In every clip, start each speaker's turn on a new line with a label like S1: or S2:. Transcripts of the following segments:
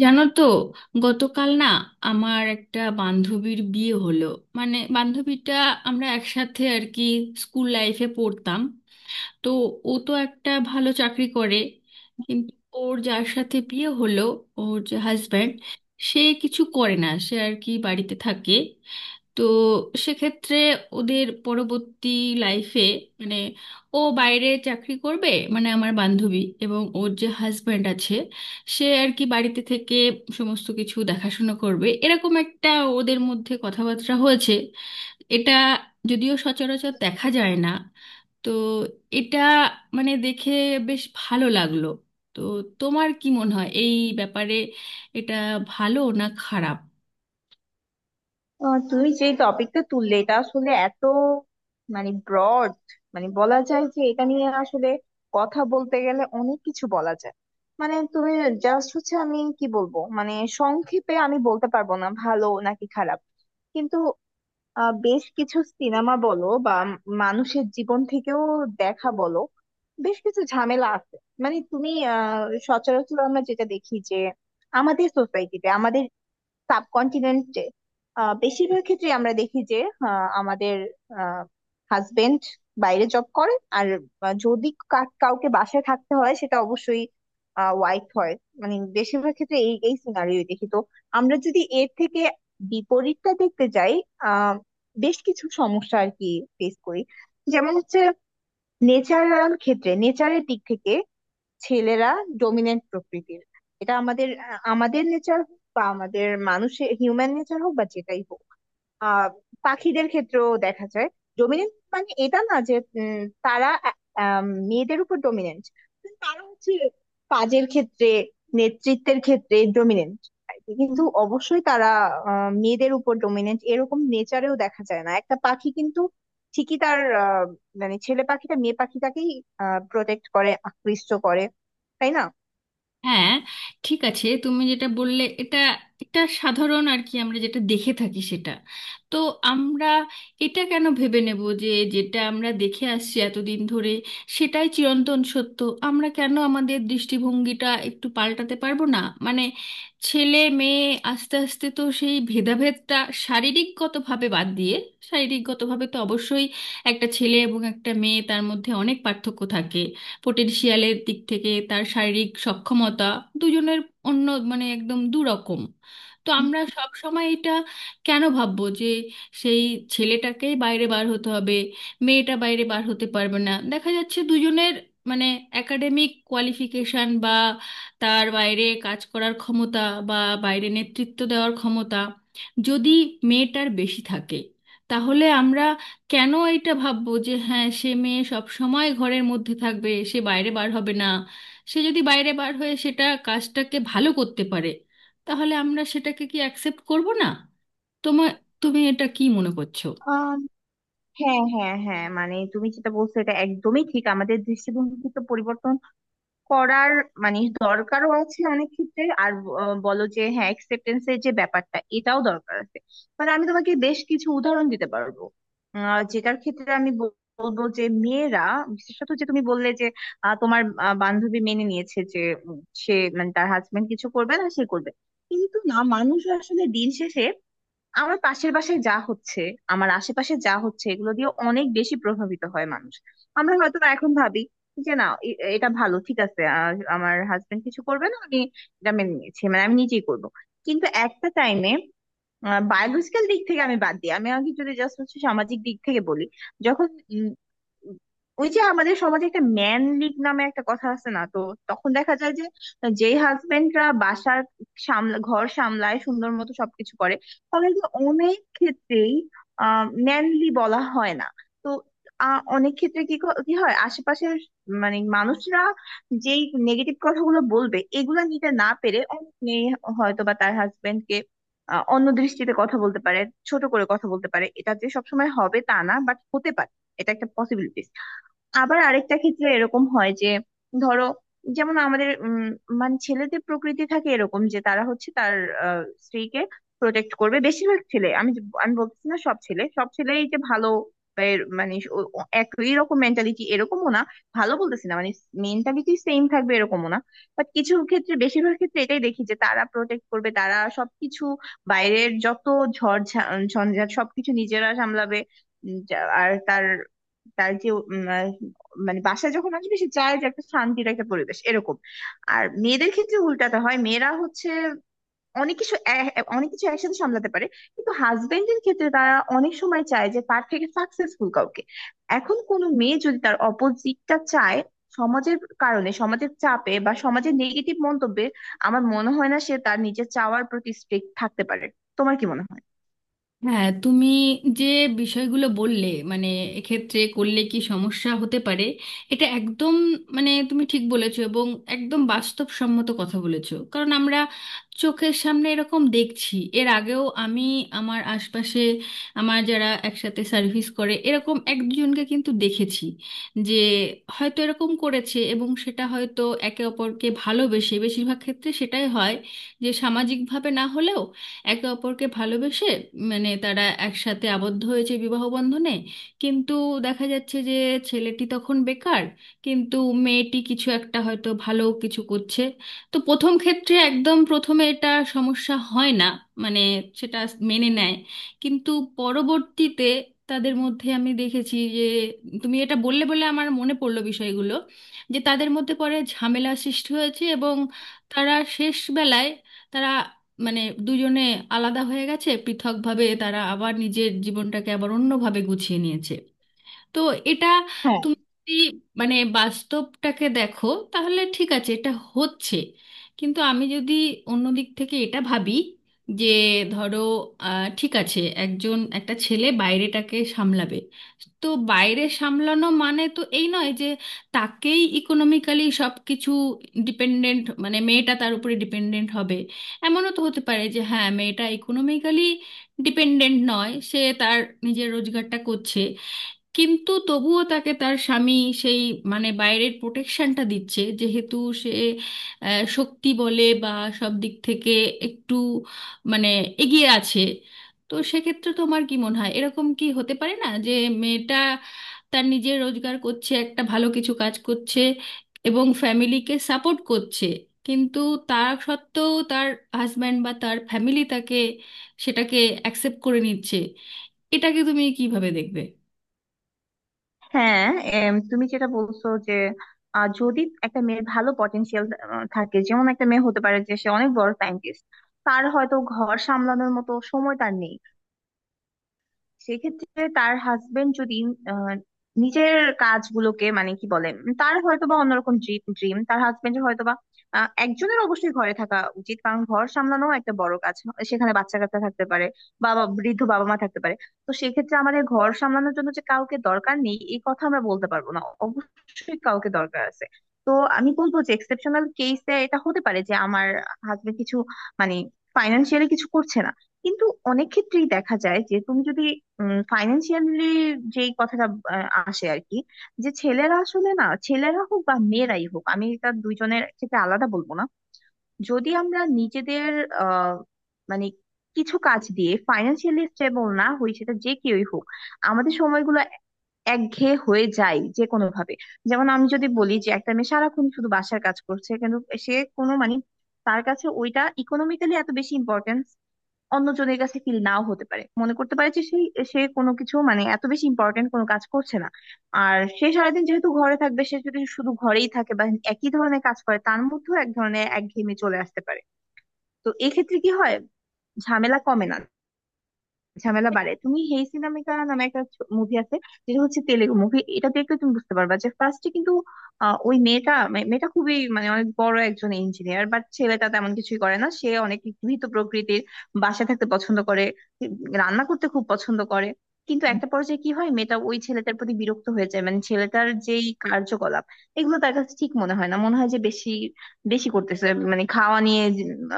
S1: জানো তো? গতকাল না আমার একটা বান্ধবীর বিয়ে হলো। মানে বান্ধবীটা আমরা একসাথে আর কি স্কুল লাইফে পড়তাম। তো ও তো একটা ভালো চাকরি করে, কিন্তু ওর যার সাথে বিয়ে হলো, ওর যে হাজব্যান্ড, সে কিছু করে না, সে আর কি বাড়িতে থাকে। তো সেক্ষেত্রে ওদের পরবর্তী লাইফে মানে ও বাইরে চাকরি করবে, মানে আমার বান্ধবী, এবং ওর যে হাজব্যান্ড আছে, সে আর কি বাড়িতে থেকে সমস্ত কিছু দেখাশোনা করবে, এরকম একটা ওদের মধ্যে কথাবার্তা হয়েছে। এটা যদিও সচরাচর দেখা যায় না। তো এটা মানে দেখে বেশ ভালো লাগলো। তো তোমার কি মনে হয় এই ব্যাপারে, এটা ভালো না খারাপ?
S2: তুমি যে টপিকটা তুললে এটা আসলে এত ব্রড, মানে বলা যায় যে এটা নিয়ে আসলে কথা বলতে গেলে অনেক কিছু বলা যায়। মানে তুমি জাস্ট হচ্ছে আমি কি বলবো, মানে সংক্ষেপে আমি বলতে পারবো না ভালো নাকি খারাপ। কিন্তু বেশ কিছু সিনেমা বলো বা মানুষের জীবন থেকেও দেখা বলো, বেশ কিছু ঝামেলা আছে। মানে তুমি আহ সচরাচর আমরা যেটা দেখি যে আমাদের সোসাইটিতে, আমাদের সাবকন্টিনেন্টে বেশিরভাগ ক্ষেত্রে আমরা দেখি যে আমাদের হাজবেন্ড বাইরে জব করে, আর যদি কাউকে বাসায় থাকতে হয় সেটা অবশ্যই ওয়াইফ হয়। মানে বেশিরভাগ ক্ষেত্রে এই এই সিনারিও দেখি। তো আমরা যদি এর থেকে বিপরীতটা দেখতে যাই, আহ বেশ কিছু সমস্যা আর কি ফেস করি। যেমন হচ্ছে নেচারাল ক্ষেত্রে, নেচারের দিক থেকে ছেলেরা ডমিনেন্ট প্রকৃতির। এটা আমাদের আমাদের নেচার হোক বা আমাদের মানুষের হিউম্যান নেচার হোক বা যেটাই হোক, আহ পাখিদের ক্ষেত্রেও দেখা যায়। ডমিনেন্ট মানে এটা না যে, উম, তারা মেয়েদের উপর ডমিনেন্ট। তারা হচ্ছে কাজের ক্ষেত্রে, নেতৃত্বের ক্ষেত্রে ডমিনেন্ট। কিন্তু অবশ্যই তারা মেয়েদের উপর ডমিনেন্ট এরকম নেচারেও দেখা যায় না, একটা পাখি কিন্তু ঠিকই তার মানে ছেলে পাখিটা মেয়ে পাখিটাকেই প্রোটেক্ট করে, আকৃষ্ট করে, তাই না?
S1: হ্যাঁ, ঠিক আছে, তুমি যেটা বললে এটা এটা সাধারণ আর কি, আমরা যেটা দেখে থাকি সেটা। তো আমরা এটা কেন ভেবে নেব যে যেটা আমরা দেখে আসছি এতদিন ধরে সেটাই চিরন্তন সত্য? আমরা কেন আমাদের দৃষ্টিভঙ্গিটা একটু পাল্টাতে পারবো না? মানে ছেলে মেয়ে আস্তে আস্তে তো সেই ভেদাভেদটা শারীরিকগতভাবে বাদ দিয়ে, শারীরিকগতভাবে তো অবশ্যই একটা ছেলে এবং একটা মেয়ে তার মধ্যে অনেক পার্থক্য থাকে। পোটেনশিয়ালের দিক থেকে তার শারীরিক সক্ষমতা দুজনের অন্য, মানে একদম দুরকম। তো আমরা সব সময় এটা কেন ভাববো যে সেই ছেলেটাকেই বাইরে বার হতে হবে, মেয়েটা বাইরে বার হতে পারবে না? দেখা যাচ্ছে দুজনের মানে একাডেমিক কোয়ালিফিকেশন বা তার বাইরে কাজ করার ক্ষমতা বা বাইরে নেতৃত্ব দেওয়ার ক্ষমতা যদি মেয়েটার বেশি থাকে, তাহলে আমরা কেন এইটা ভাববো যে হ্যাঁ, সে মেয়ে সব সময় ঘরের মধ্যে থাকবে, সে বাইরে বার হবে না? সে যদি বাইরে বার হয়ে সেটা কাজটাকে ভালো করতে পারে, তাহলে আমরা সেটাকে কি অ্যাকসেপ্ট করব না? তোমার, তুমি এটা কি মনে করছো?
S2: আম, হ্যাঁ, হ্যাঁ, হ্যাঁ, মানে তুমি যেটা বলছো এটা একদমই ঠিক, আমাদের দৃষ্টিভঙ্গি তো পরিবর্তন করার মানে দরকারও আছে অনেক ক্ষেত্রে। আর ব- আহ বলো যে হ্যাঁ, অ্যাকসেপ্টেন্স এর যে ব্যাপারটা, এটাও দরকার আছে। মানে আমি তোমাকে বেশ কিছু উদাহরণ দিতে পারবো যেটার ক্ষেত্রে আমি বলবো যে মেয়েরা, বিশেষত যে তুমি বললে যে তোমার বান্ধবী মেনে নিয়েছে যে সে মানে তার হাজবেন্ড কিছু করবে না, সে করবে। কিন্তু না, মানুষ আসলে দিন শেষে আমার পাশের বাসায় যা হচ্ছে, আমার আশেপাশে যা হচ্ছে এগুলো দিয়ে অনেক বেশি প্রভাবিত হয় মানুষ। আমরা হয়তো বা এখন ভাবি যে না এটা ভালো, ঠিক আছে, আমার হাজবেন্ড কিছু করবে না, আমি এটা মেনে নিয়েছি, মানে আমি নিজেই করব। কিন্তু একটা টাইমে বায়োলজিক্যাল দিক থেকে আমি বাদ দিই, আমি আগে যদি জাস্ট হচ্ছে সামাজিক দিক থেকে বলি, যখন উম, ওই যে আমাদের সমাজে একটা ম্যান লিগ নামে একটা কথা আছে না, তো তখন দেখা যায় যে যে হাজবেন্ডরা বাসার সামলা, ঘর সামলায়, সুন্দর মতো সবকিছু করে, তাদেরকে অনেক ক্ষেত্রেই ম্যানলি বলা হয় না। তো অনেক ক্ষেত্রে কি কি হয়, আশেপাশের মানে মানুষরা যেই নেগেটিভ কথাগুলো বলবে এগুলো নিতে না পেরে অনেক মেয়ে হয়তো বা তার হাজবেন্ডকে অন্য দৃষ্টিতে কথা বলতে পারে, ছোট করে কথা বলতে পারে। এটা যে সবসময় হবে তা না, বাট হতে পারে, এটা একটা পসিবিলিটিস। আবার আরেকটা ক্ষেত্রে এরকম হয় যে, ধরো, যেমন আমাদের মানে ছেলেদের প্রকৃতি থাকে এরকম যে তারা হচ্ছে তার আহ, স্ত্রীকে প্রোটেক্ট করবে। বেশিরভাগ ছেলে, আমি আমি বলছি না সব ছেলে, সব ছেলেই যে ভালো বা মানে ও একই রকম মেন্টালিটি এরকমও না, ভালো বলতেছি না মানে মেন্টালিটি সেম থাকবে এরকমও না। বাট কিছু ক্ষেত্রে, বেশিরভাগ ক্ষেত্রে এটাই দেখি যে তারা প্রোটেক্ট করবে, তারা সবকিছু বাইরের যত ঝড় ঝঞ্ঝাট সবকিছু নিজেরা সামলাবে। আর তার, তার যে মানে বাসায় যখন আসবে সে চায় যে একটা শান্তির একটা পরিবেশ এরকম। আর মেয়েদের ক্ষেত্রে উল্টাটা হয়, মেয়েরা হচ্ছে অনেক কিছু অনেক কিছু একসাথে সামলাতে পারে। কিন্তু হাজবেন্ডের ক্ষেত্রে তারা অনেক সময় চায় যে তার থেকে সাকসেসফুল কাউকে। এখন কোনো মেয়ে যদি তার অপোজিটটা চায়, সমাজের কারণে, সমাজের চাপে বা সমাজের নেগেটিভ মন্তব্যে আমার মনে হয় না সে তার নিজের চাওয়ার প্রতি স্ট্রিক্ট থাকতে পারে। তোমার কি মনে
S1: হ্যাঁ, তুমি যে বিষয়গুলো বললে, মানে এক্ষেত্রে করলে কি সমস্যা হতে পারে, এটা একদম মানে তুমি ঠিক বলেছো, এবং একদম বাস্তবসম্মত কথা বলেছো, কারণ আমরা চোখের সামনে এরকম দেখছি। এর আগেও আমি আমার আশপাশে আমার যারা একসাথে সার্ভিস করে এরকম এক দুজনকে কিন্তু দেখেছি যে হয়তো এরকম করেছে, এবং সেটা হয়তো একে অপরকে ভালোবেসে, বেশিরভাগ ক্ষেত্রে সেটাই হয় যে সামাজিকভাবে না হলেও একে অপরকে ভালোবেসে মানে তারা একসাথে আবদ্ধ হয়েছে বিবাহ বন্ধনে। কিন্তু দেখা যাচ্ছে যে ছেলেটি তখন বেকার, কিন্তু মেয়েটি কিছু একটা হয়তো ভালো কিছু করছে। তো প্রথম ক্ষেত্রে একদম প্রথমে এটা সমস্যা হয় না, মানে সেটা মেনে নেয়। কিন্তু পরবর্তীতে তাদের মধ্যে আমি দেখেছি যে, তুমি এটা বললে বলে আমার মনে পড়লো বিষয়গুলো, যে তাদের মধ্যে পরে ঝামেলা সৃষ্টি হয়েছে, এবং তারা শেষ বেলায় তারা মানে দুজনে আলাদা হয়ে গেছে, পৃথকভাবে তারা আবার নিজের জীবনটাকে আবার অন্যভাবে গুছিয়ে নিয়েছে। তো এটা
S2: হয়?
S1: তুমি যদি মানে বাস্তবটাকে দেখো, তাহলে ঠিক আছে এটা হচ্ছে। কিন্তু আমি যদি অন্য দিক থেকে এটা ভাবি যে, ধরো, ঠিক আছে একজন, একটা ছেলে বাইরেটাকে সামলাবে, তো বাইরে সামলানো মানে তো এই নয় যে তাকেই ইকোনমিক্যালি সব কিছু ডিপেন্ডেন্ট, মানে মেয়েটা তার উপরে ডিপেন্ডেন্ট হবে। এমনও তো হতে পারে যে হ্যাঁ, মেয়েটা ইকোনমিক্যালি ডিপেন্ডেন্ট নয়, সে তার নিজের রোজগারটা করছে, কিন্তু তবুও তাকে তার স্বামী সেই মানে বাইরের প্রোটেকশনটা দিচ্ছে, যেহেতু সে শক্তি বলে বা সব দিক থেকে একটু মানে এগিয়ে আছে। তো সেক্ষেত্রে তোমার কি মনে হয়, এরকম কি হতে পারে না যে মেয়েটা তার নিজের রোজগার করছে, একটা ভালো কিছু কাজ করছে, এবং ফ্যামিলিকে সাপোর্ট করছে, কিন্তু তার সত্ত্বেও তার হাজব্যান্ড বা তার ফ্যামিলি তাকে সেটাকে অ্যাকসেপ্ট করে নিচ্ছে? এটাকে তুমি কিভাবে দেখবে?
S2: হ্যাঁ, তুমি যেটা বলছো যে যদি একটা মেয়ের ভালো পটেনশিয়াল থাকে, যেমন একটা মেয়ে হতে পারে যে সে অনেক বড় সায়েন্টিস্ট, তার হয়তো ঘর সামলানোর মতো সময় তার নেই। সেক্ষেত্রে তার হাজবেন্ড যদি আহ, নিজের কাজগুলোকে, মানে কি বলে, তার হয়তোবা অন্যরকম ড্রিম, তার হাজবেন্ডের হয়তোবা, একজনের অবশ্যই ঘরে থাকা উচিত কারণ ঘর সামলানো একটা বড় কাজ। সেখানে বাচ্চা কাচ্চা থাকতে পারে, বাবা, বৃদ্ধ বাবা মা থাকতে পারে। তো সেক্ষেত্রে আমাদের ঘর সামলানোর জন্য যে কাউকে দরকার নেই এই কথা আমরা বলতে পারবো না, অবশ্যই কাউকে দরকার আছে। তো আমি বলবো যে এক্সেপশনাল কেসে এটা হতে পারে যে আমার হাজবেন্ড কিছু, মানে ফাইনান্সিয়ালি কিছু করছে না। কিন্তু অনেক ক্ষেত্রেই দেখা যায় যে তুমি যদি ফাইন্যান্সিয়ালি, যেই কথাটা আসে আর কি, যে ছেলেরা আসলে না, ছেলেরা হোক বা মেয়েরাই হোক আমি এটা দুইজনের ক্ষেত্রে আলাদা বলবো না, যদি আমরা নিজেদের আহ মানে কিছু কাজ দিয়ে ফাইন্যান্সিয়ালি স্টেবল না হই, সেটা যে কেউই হোক, আমাদের সময়গুলো একঘেয়ে হয়ে যায় যে কোনো ভাবে। যেমন আমি যদি বলি যে একটা মেয়ে সারাক্ষণ শুধু বাসার কাজ করছে, কিন্তু সে কোনো মানে তার কাছে ওইটা ইকোনমিক্যালি এত বেশি ইম্পর্টেন্স অন্যজনের কাছে ফিল নাও হতে পারে, মনে করতে পারে যে সেই, সে কোনো কিছু মানে এত বেশি ইম্পর্টেন্ট কোনো কাজ করছে না। আর সে সারাদিন যেহেতু ঘরে থাকবে, সে যদি শুধু ঘরেই থাকে বা একই ধরনের কাজ করে তার মধ্যেও এক ধরনের একঘেয়েমি চলে আসতে পারে। তো এক্ষেত্রে কি হয়, ঝামেলা কমে না, ঝামেলা বাড়ে। তুমি হেই সিনামিকা নামে একটা মুভি আছে, যেটা হচ্ছে তেলেগু মুভি, এটা দেখলে তুমি বুঝতে পারবা যে ফার্স্টে কিন্তু ওই মেয়েটা, মেয়েটা খুবই মানে অনেক বড় একজন ইঞ্জিনিয়ার, বাট ছেলেটা তেমন কিছুই করে না, সে অনেক গৃহীত প্রকৃতির, বাসায় থাকতে পছন্দ করে, রান্না করতে খুব পছন্দ করে। কিন্তু একটা পর্যায়ে কি হয়, মেয়েটা ওই ছেলেটার প্রতি বিরক্ত হয়ে যায়, মানে ছেলেটার যেই কার্যকলাপ এগুলো তার কাছে ঠিক মনে হয় না, মনে হয় যে বেশি বেশি করতেছে, মানে খাওয়া নিয়ে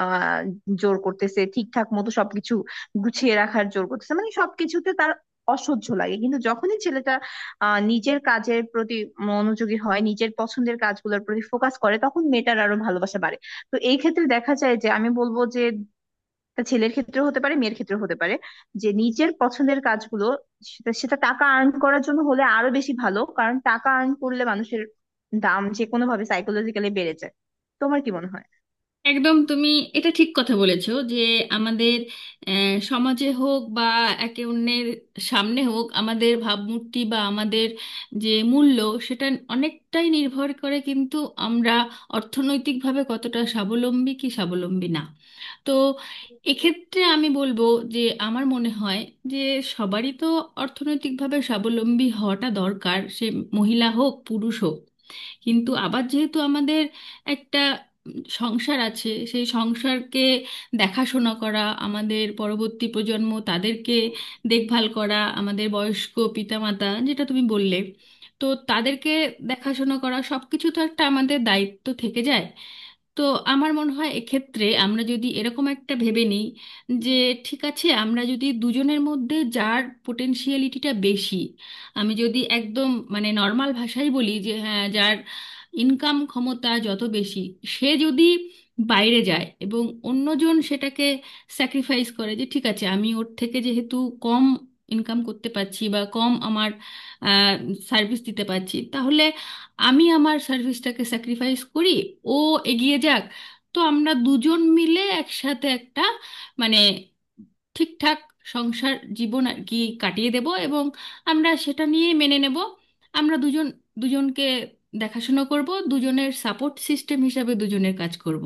S2: আহ জোর করতেছে, ঠিকঠাক মতো সবকিছু গুছিয়ে রাখার জোর করতেছে, মানে সবকিছুতে তার অসহ্য লাগে। কিন্তু যখনই ছেলেটা নিজের কাজের প্রতি মনোযোগী হয়, নিজের পছন্দের কাজগুলোর প্রতি ফোকাস করে, তখন মেয়েটার আরো ভালোবাসা বাড়ে। তো এই ক্ষেত্রে দেখা যায় যে আমি বলবো যে তা ছেলের ক্ষেত্রেও হতে পারে, মেয়ের ক্ষেত্রেও হতে পারে, যে নিজের পছন্দের কাজগুলো সেটা সেটা টাকা আর্ন করার জন্য হলে আরো বেশি ভালো, কারণ টাকা আর্ন করলে মানুষের দাম যে কোনো ভাবে সাইকোলজিক্যালি বেড়ে যায়। তোমার কি মনে হয়?
S1: একদম, তুমি এটা ঠিক কথা বলেছো যে আমাদের সমাজে হোক বা একে অন্যের সামনে হোক, আমাদের ভাবমূর্তি বা আমাদের যে মূল্য সেটা অনেকটাই নির্ভর করে কিন্তু আমরা অর্থনৈতিকভাবে কতটা স্বাবলম্বী কি স্বাবলম্বী না। তো এক্ষেত্রে আমি বলবো যে, আমার মনে হয় যে সবারই তো অর্থনৈতিকভাবে স্বাবলম্বী হওয়াটা দরকার, সে মহিলা হোক পুরুষ হোক। কিন্তু আবার যেহেতু আমাদের একটা সংসার আছে, সেই সংসারকে দেখাশোনা করা, আমাদের পরবর্তী প্রজন্ম তাদেরকে দেখভাল করা, আমাদের বয়স্ক পিতামাতা, যেটা তুমি বললে, তো তাদেরকে দেখাশোনা করা, সব কিছু তো একটা আমাদের দায়িত্ব থেকে যায়। তো আমার মনে হয় এক্ষেত্রে আমরা যদি এরকম একটা ভেবে নিই যে, ঠিক আছে আমরা যদি দুজনের মধ্যে যার পোটেনশিয়ালিটিটা বেশি, আমি যদি একদম মানে নর্মাল ভাষায় বলি যে হ্যাঁ, যার ইনকাম ক্ষমতা যত বেশি, সে যদি বাইরে যায় এবং অন্যজন সেটাকে স্যাক্রিফাইস করে যে ঠিক আছে আমি ওর থেকে যেহেতু কম ইনকাম করতে পারছি বা কম আমার সার্ভিস দিতে পারছি, তাহলে আমি আমার সার্ভিসটাকে স্যাক্রিফাইস করি, ও এগিয়ে যাক। তো আমরা দুজন মিলে একসাথে একটা মানে ঠিকঠাক সংসার জীবন আর কি কাটিয়ে দেব, এবং আমরা সেটা নিয়ে মেনে নেব, আমরা দুজন দুজনকে দেখাশোনা করব, দুজনের সাপোর্ট সিস্টেম হিসাবে দুজনের কাজ করব।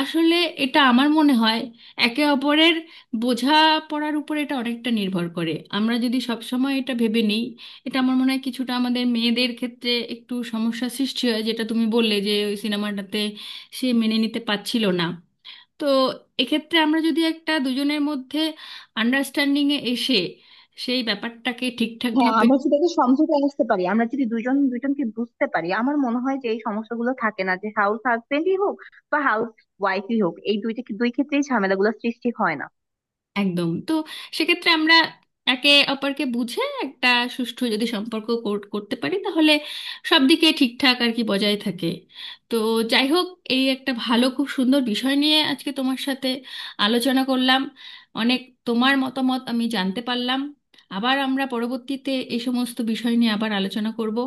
S1: আসলে এটা আমার মনে হয় একে অপরের বোঝা পড়ার উপর এটা অনেকটা নির্ভর করে। আমরা যদি সব সময় এটা ভেবে নিই, এটা আমার মনে হয় কিছুটা আমাদের মেয়েদের ক্ষেত্রে একটু সমস্যা সৃষ্টি হয়, যেটা তুমি বললে যে ওই সিনেমাটাতে সে মেনে নিতে পারছিল না। তো এক্ষেত্রে আমরা যদি একটা দুজনের মধ্যে আন্ডারস্ট্যান্ডিং এ এসে সেই ব্যাপারটাকে ঠিকঠাক
S2: হ্যাঁ,
S1: ভাবে
S2: আমরা যদি একটা সমঝোতায় আসতে পারি, আমরা যদি দুজন দুজনকে বুঝতে পারি, আমার মনে হয় যে এই সমস্যাগুলো থাকে না, যে হাউস হাজবেন্ডই হোক বা হাউস ওয়াইফই হোক, এই দুইটা দুই ক্ষেত্রেই ঝামেলাগুলো সৃষ্টি হয় না।
S1: একদম, তো সেক্ষেত্রে আমরা একে অপরকে বুঝে একটা সুষ্ঠু যদি সম্পর্ক করতে পারি, তাহলে সব দিকে ঠিকঠাক আর কি বজায় থাকে। তো যাই হোক, এই একটা ভালো খুব সুন্দর বিষয় নিয়ে আজকে তোমার সাথে আলোচনা করলাম, অনেক তোমার মতামত আমি জানতে পারলাম। আবার আমরা পরবর্তীতে এই সমস্ত বিষয় নিয়ে আবার আলোচনা করব।